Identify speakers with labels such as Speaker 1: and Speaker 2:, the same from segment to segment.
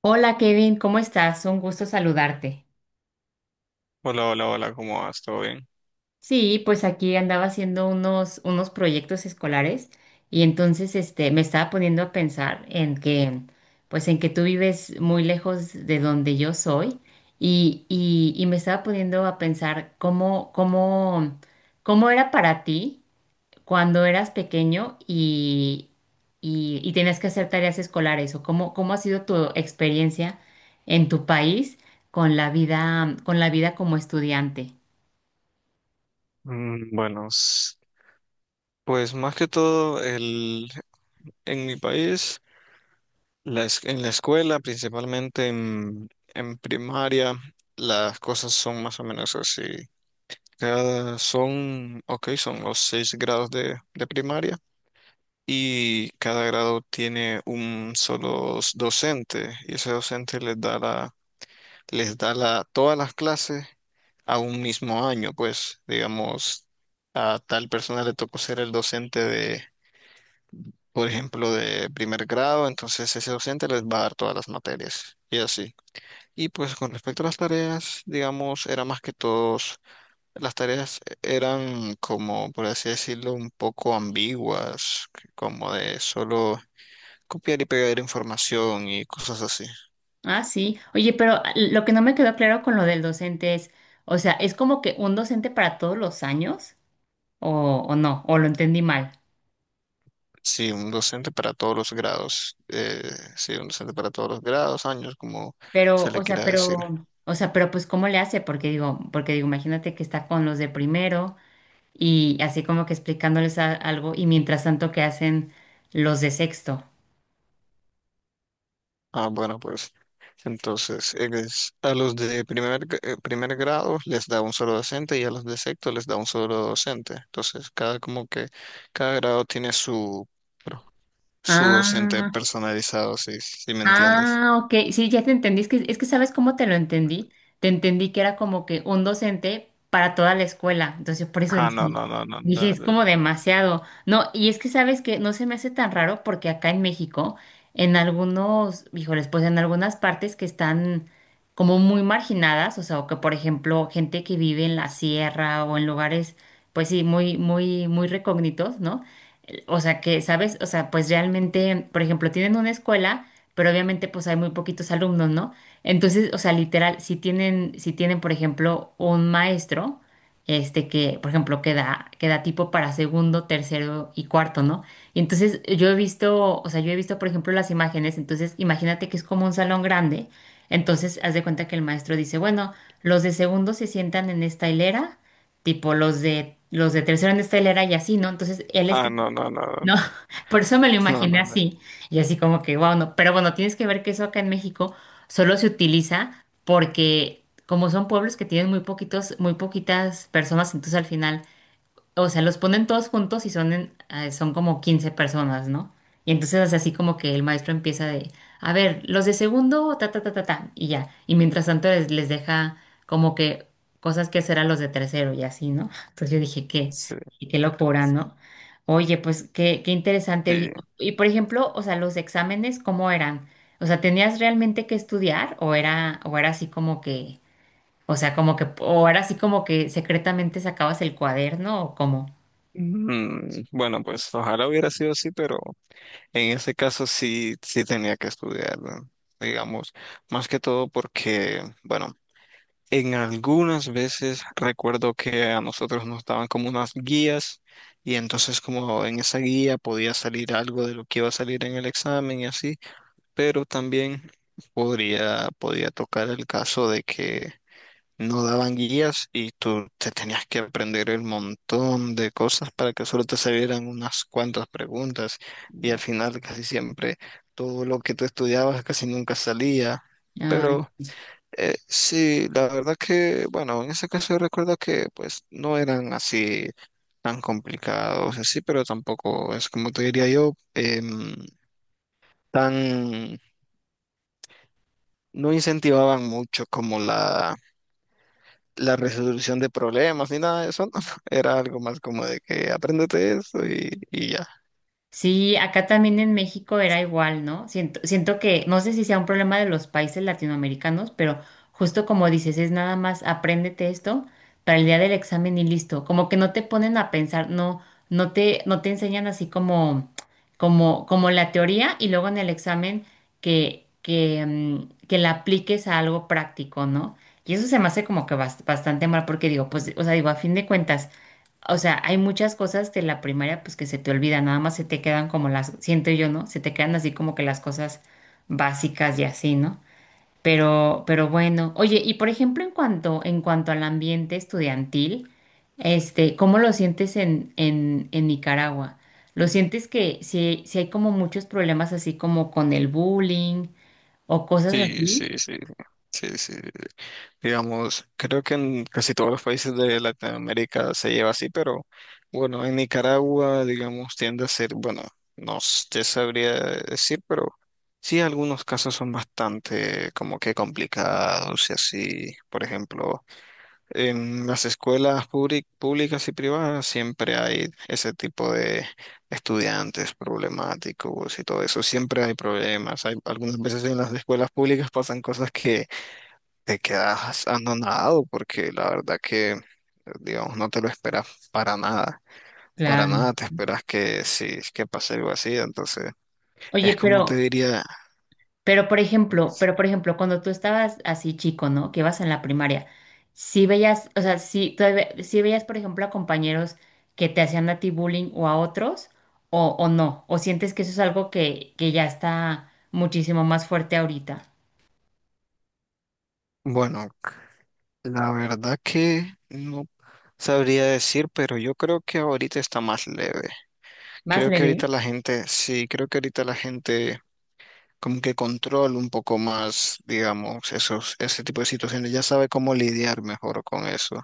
Speaker 1: Hola Kevin, ¿cómo estás? Un gusto saludarte.
Speaker 2: Hola, hola, hola, ¿cómo vas? ¿Todo bien?
Speaker 1: Sí, pues aquí andaba haciendo unos proyectos escolares y entonces me estaba poniendo a pensar en que, pues en que tú vives muy lejos de donde yo soy y me estaba poniendo a pensar cómo era para ti cuando eras pequeño y tenías que hacer tareas escolares o cómo ha sido tu experiencia en tu país con la vida como estudiante.
Speaker 2: Bueno, pues más que todo, en mi país, en la escuela, principalmente en primaria, las cosas son más o menos así. Ok, son los seis grados de primaria, y cada grado tiene un solo docente, y ese docente les da todas las clases a un mismo año. Pues digamos, a tal persona le tocó ser el docente de, por ejemplo, de primer grado. Entonces ese docente les va a dar todas las materias y así. Y pues con respecto a las tareas, digamos, era más que todos, las tareas eran como, por así decirlo, un poco ambiguas, como de solo copiar y pegar información y cosas así.
Speaker 1: Ah, sí. Oye, pero lo que no me quedó claro con lo del docente es, o sea, ¿es como que un docente para todos los años? ¿O, o no? ¿O lo entendí mal?
Speaker 2: Sí, un docente para todos los grados. Sí, un docente para todos los grados, años, como
Speaker 1: Pero,
Speaker 2: se
Speaker 1: o
Speaker 2: le
Speaker 1: sea,
Speaker 2: quiera decir.
Speaker 1: pero, o sea, pero pues ¿cómo le hace? Porque digo, imagínate que está con los de primero, y así como que explicándoles algo y mientras tanto que hacen los de sexto.
Speaker 2: Ah, bueno, pues entonces a los de primer grado les da un solo docente, y a los de sexto les da un solo docente. Entonces cada como que cada grado tiene su pro- su docente
Speaker 1: Ah.
Speaker 2: personalizado, si, si me entiendes.
Speaker 1: Ah, ok. Sí, ya te entendí. Es que ¿sabes cómo te lo entendí? Te entendí que era como que un docente para toda la escuela. Entonces, por eso
Speaker 2: Ah, no, no, no, no,
Speaker 1: dije,
Speaker 2: no,
Speaker 1: es
Speaker 2: no,
Speaker 1: como
Speaker 2: no.
Speaker 1: demasiado. No, y es que sabes que no se me hace tan raro porque acá en México, en algunos, híjoles, pues en algunas partes que están como muy marginadas, o sea, o que por ejemplo, gente que vive en la sierra o en lugares, pues sí, muy, muy, muy recógnitos, ¿no? O sea, que, ¿sabes? O sea, pues realmente, por ejemplo, tienen una escuela pero obviamente pues hay muy poquitos alumnos, ¿no? Entonces, o sea, literal, si tienen, por ejemplo, un maestro, este que, por ejemplo, queda tipo para segundo, tercero y cuarto, ¿no? Y entonces yo he visto, o sea, yo he visto, por ejemplo, las imágenes, entonces imagínate que es como un salón grande, entonces haz de cuenta que el maestro dice, bueno, los de segundo se sientan en esta hilera, tipo los de tercero en esta hilera y así, ¿no? Entonces él está
Speaker 2: Ah, no, no, no,
Speaker 1: no, por eso me lo
Speaker 2: no,
Speaker 1: imaginé
Speaker 2: no, no. No.
Speaker 1: así. Y así como que, wow, no. Pero bueno, tienes que ver que eso acá en México solo se utiliza porque como son pueblos que tienen muy poquitos, muy poquitas personas, entonces al final o sea, los ponen todos juntos y son, son como 15 personas, ¿no? Y entonces es así como que el maestro empieza de, a ver, los de segundo, ta, ta, ta, ta, ta, y ya. Y mientras tanto les deja como que cosas que hacer a los de tercero y así, ¿no? Entonces yo dije, qué,
Speaker 2: Sí,
Speaker 1: y qué locura, ¿no? Oye, pues qué, qué interesante. Oye,
Speaker 2: sí.
Speaker 1: Y, y, por ejemplo, o sea, los exámenes, ¿cómo eran? O sea, ¿tenías realmente que estudiar o era así como que, o sea, como que, o era así como que secretamente sacabas el cuaderno o cómo?
Speaker 2: Bueno, pues ojalá hubiera sido así, pero en ese caso sí, sí tenía que estudiarlo, digamos, más que todo porque, bueno, en algunas veces recuerdo que a nosotros nos daban como unas guías, y entonces como en esa guía podía salir algo de lo que iba a salir en el examen y así, pero también podía tocar el caso de que no daban guías y tú te tenías que aprender el montón de cosas para que solo te salieran unas cuantas preguntas, y al final casi siempre todo lo que tú estudiabas casi nunca salía.
Speaker 1: Ay,
Speaker 2: Pero sí, la verdad que, bueno, en ese caso yo recuerdo que pues no eran así tan complicados, así, pero tampoco es como te diría yo, tan, no incentivaban mucho como la resolución de problemas ni nada de eso, no. Era algo más como de que apréndete eso y ya.
Speaker 1: sí, acá también en México era igual, ¿no? Siento, siento que, no sé si sea un problema de los países latinoamericanos, pero justo como dices, es nada más apréndete esto para el día del examen y listo. Como que no te ponen a pensar, no, no te enseñan así como, como, como la teoría y luego en el examen que, que la apliques a algo práctico, ¿no? Y eso se me hace como que bastante mal porque digo, pues, o sea, digo, a fin de cuentas. O sea, hay muchas cosas de la primaria pues que se te olvidan, nada más se te quedan como las, siento yo, ¿no? Se te quedan así como que las cosas básicas y así, ¿no? Pero bueno, oye, y por ejemplo, en cuanto al ambiente estudiantil, ¿cómo lo sientes en Nicaragua? ¿Lo sientes que si, si hay como muchos problemas así como con el bullying o cosas
Speaker 2: Sí, sí,
Speaker 1: así?
Speaker 2: sí, sí, sí. Digamos, creo que en casi todos los países de Latinoamérica se lleva así, pero bueno, en Nicaragua, digamos, tiende a ser, bueno, no s- te sabría decir, pero sí, algunos casos son bastante como que complicados y así. Por ejemplo, en las escuelas públicas y privadas siempre hay ese tipo de estudiantes problemáticos y todo eso. Siempre hay problemas. Hay, algunas veces en las escuelas públicas pasan cosas que te quedas anonadado porque la verdad que, digamos, no te lo esperas para nada. Para nada
Speaker 1: Claro.
Speaker 2: te esperas que sí, que pase algo así. Entonces,
Speaker 1: Oye,
Speaker 2: es como te
Speaker 1: pero
Speaker 2: diría,
Speaker 1: Pero por ejemplo, cuando tú estabas así chico, ¿no? Que ibas en la primaria, si veías, o sea, si todavía, si veías, por ejemplo, a compañeros que te hacían a ti bullying o a otros, o no, o sientes que eso es algo que ya está muchísimo más fuerte ahorita,
Speaker 2: bueno, la verdad que no sabría decir, pero yo creo que ahorita está más leve.
Speaker 1: más
Speaker 2: Creo que ahorita
Speaker 1: leve.
Speaker 2: la gente, sí, creo que ahorita la gente como que controla un poco más, digamos, esos, ese tipo de situaciones. Ya sabe cómo lidiar mejor con eso.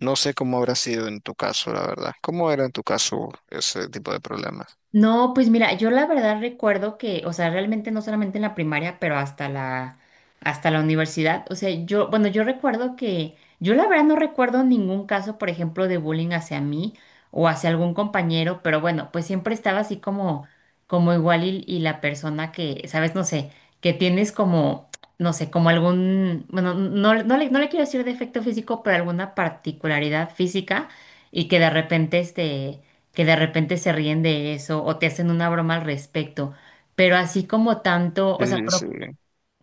Speaker 2: No sé cómo habrá sido en tu caso, la verdad. ¿Cómo era en tu caso ese tipo de problemas?
Speaker 1: No, pues mira, yo la verdad recuerdo que, o sea, realmente no solamente en la primaria, pero hasta la universidad. O sea, yo, bueno, yo recuerdo que, yo la verdad no recuerdo ningún caso, por ejemplo, de bullying hacia mí o hacia algún compañero, pero bueno, pues siempre estaba así como, como igual y la persona que, sabes, no sé, que tienes como, no sé, como algún, bueno, no, no le quiero decir defecto físico, pero alguna particularidad física y que de repente, que de repente se ríen de eso o te hacen una broma al respecto, pero así como tanto, o sea,
Speaker 2: Sí, sí,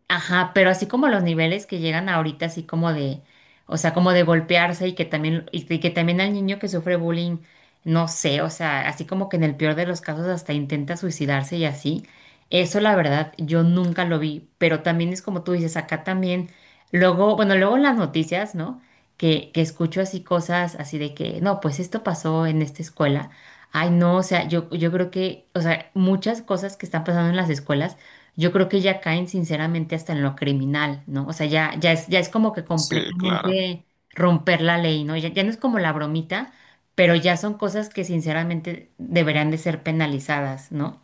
Speaker 1: Ajá, pero así como los niveles que llegan ahorita, así como de, o sea, como de golpearse y que también, y que también al niño que sufre bullying, no sé, o sea, así como que en el peor de los casos hasta intenta suicidarse y así. Eso la verdad, yo nunca lo vi, pero también es como tú dices, acá también, luego, bueno, luego en las noticias, ¿no? Que escucho así cosas así de que, no, pues esto pasó en esta escuela. Ay, no, o sea, yo creo que, o sea, muchas cosas que están pasando en las escuelas yo creo que ya caen sinceramente hasta en lo criminal, ¿no? O sea, ya, ya es como que
Speaker 2: sí, claro.
Speaker 1: completamente romper la ley, ¿no? Ya, ya no es como la bromita, pero ya son cosas que sinceramente deberían de ser penalizadas, ¿no?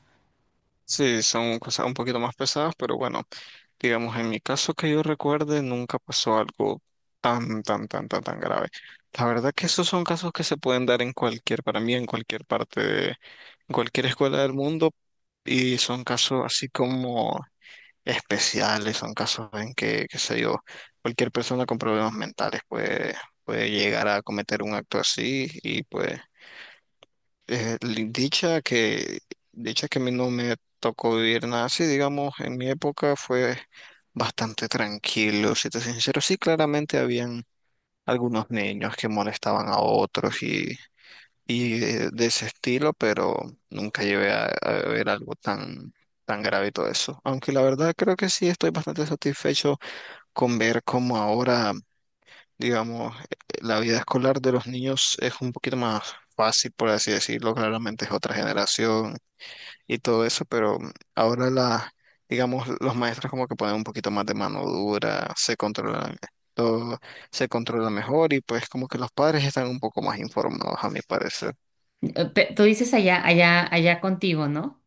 Speaker 2: Sí, son cosas un poquito más pesadas, pero bueno. Digamos, en mi caso que yo recuerde, nunca pasó algo tan, tan, tan, tan, tan grave. La verdad que esos son casos que se pueden dar en cualquier, para mí, en cualquier parte de, en cualquier escuela del mundo, y son casos así como especiales, son casos en que, qué sé yo, cualquier persona con problemas mentales puede llegar a cometer un acto así. Y pues eh, li- dicha que, dicha que a mí no me tocó vivir nada así, digamos, en mi época fue bastante tranquilo, si te soy sincero. Sí, claramente habían algunos niños que molestaban a otros y de ese estilo, pero nunca llevé a ver algo tan, tan grave y todo eso. Aunque la verdad creo que sí estoy bastante satisfecho con ver cómo ahora digamos, la vida escolar de los niños es un poquito más fácil, por así decirlo, claramente es otra generación y todo eso. Pero ahora digamos, los maestros como que ponen un poquito más de mano dura, se controlan todo, se controla mejor, y pues como que los padres están un poco más informados, a mi parecer.
Speaker 1: Tú dices allá, allá, allá contigo, ¿no?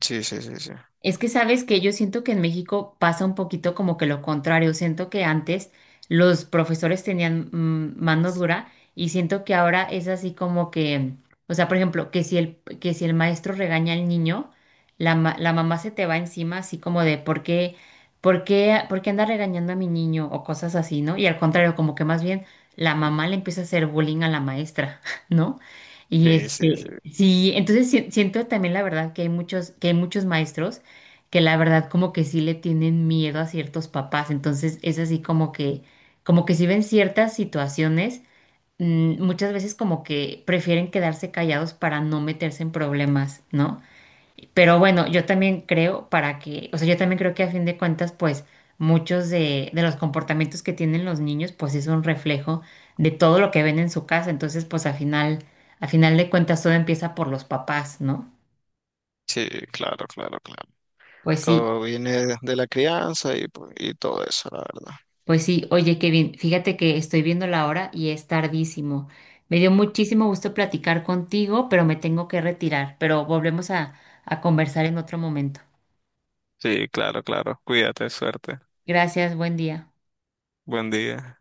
Speaker 2: Sí, sí, sí, sí.
Speaker 1: Es que sabes que yo siento que en México pasa un poquito como que lo contrario. Siento que antes los profesores tenían mano dura y siento que ahora es así como que, o sea, por ejemplo, que si el maestro regaña al niño, la mamá se te va encima así como de ¿por qué, por qué anda regañando a mi niño? O cosas así, ¿no? Y al contrario, como que más bien la mamá le empieza a hacer bullying a la maestra, ¿no? Y
Speaker 2: Sí, sí, sí.
Speaker 1: este, sí, entonces siento también la verdad que hay muchos maestros que la verdad como que sí le tienen miedo a ciertos papás. Entonces es así como que si ven ciertas situaciones, muchas veces como que prefieren quedarse callados para no meterse en problemas, ¿no? Pero bueno, yo también creo para que, o sea, yo también creo que a fin de cuentas, pues muchos de los comportamientos que tienen los niños, pues es un reflejo de todo lo que ven en su casa. Entonces, pues a final de cuentas todo empieza por los papás, ¿no?
Speaker 2: Sí, claro, claro, claro.
Speaker 1: Pues sí.
Speaker 2: Todo viene de la crianza y, pues, y todo eso, la verdad.
Speaker 1: Pues sí, oye Kevin, fíjate que estoy viendo la hora y es tardísimo. Me dio muchísimo gusto platicar contigo, pero me tengo que retirar, pero volvemos a conversar en otro momento.
Speaker 2: Sí, claro, claro. Cuídate, suerte.
Speaker 1: Gracias, buen día.
Speaker 2: Buen día.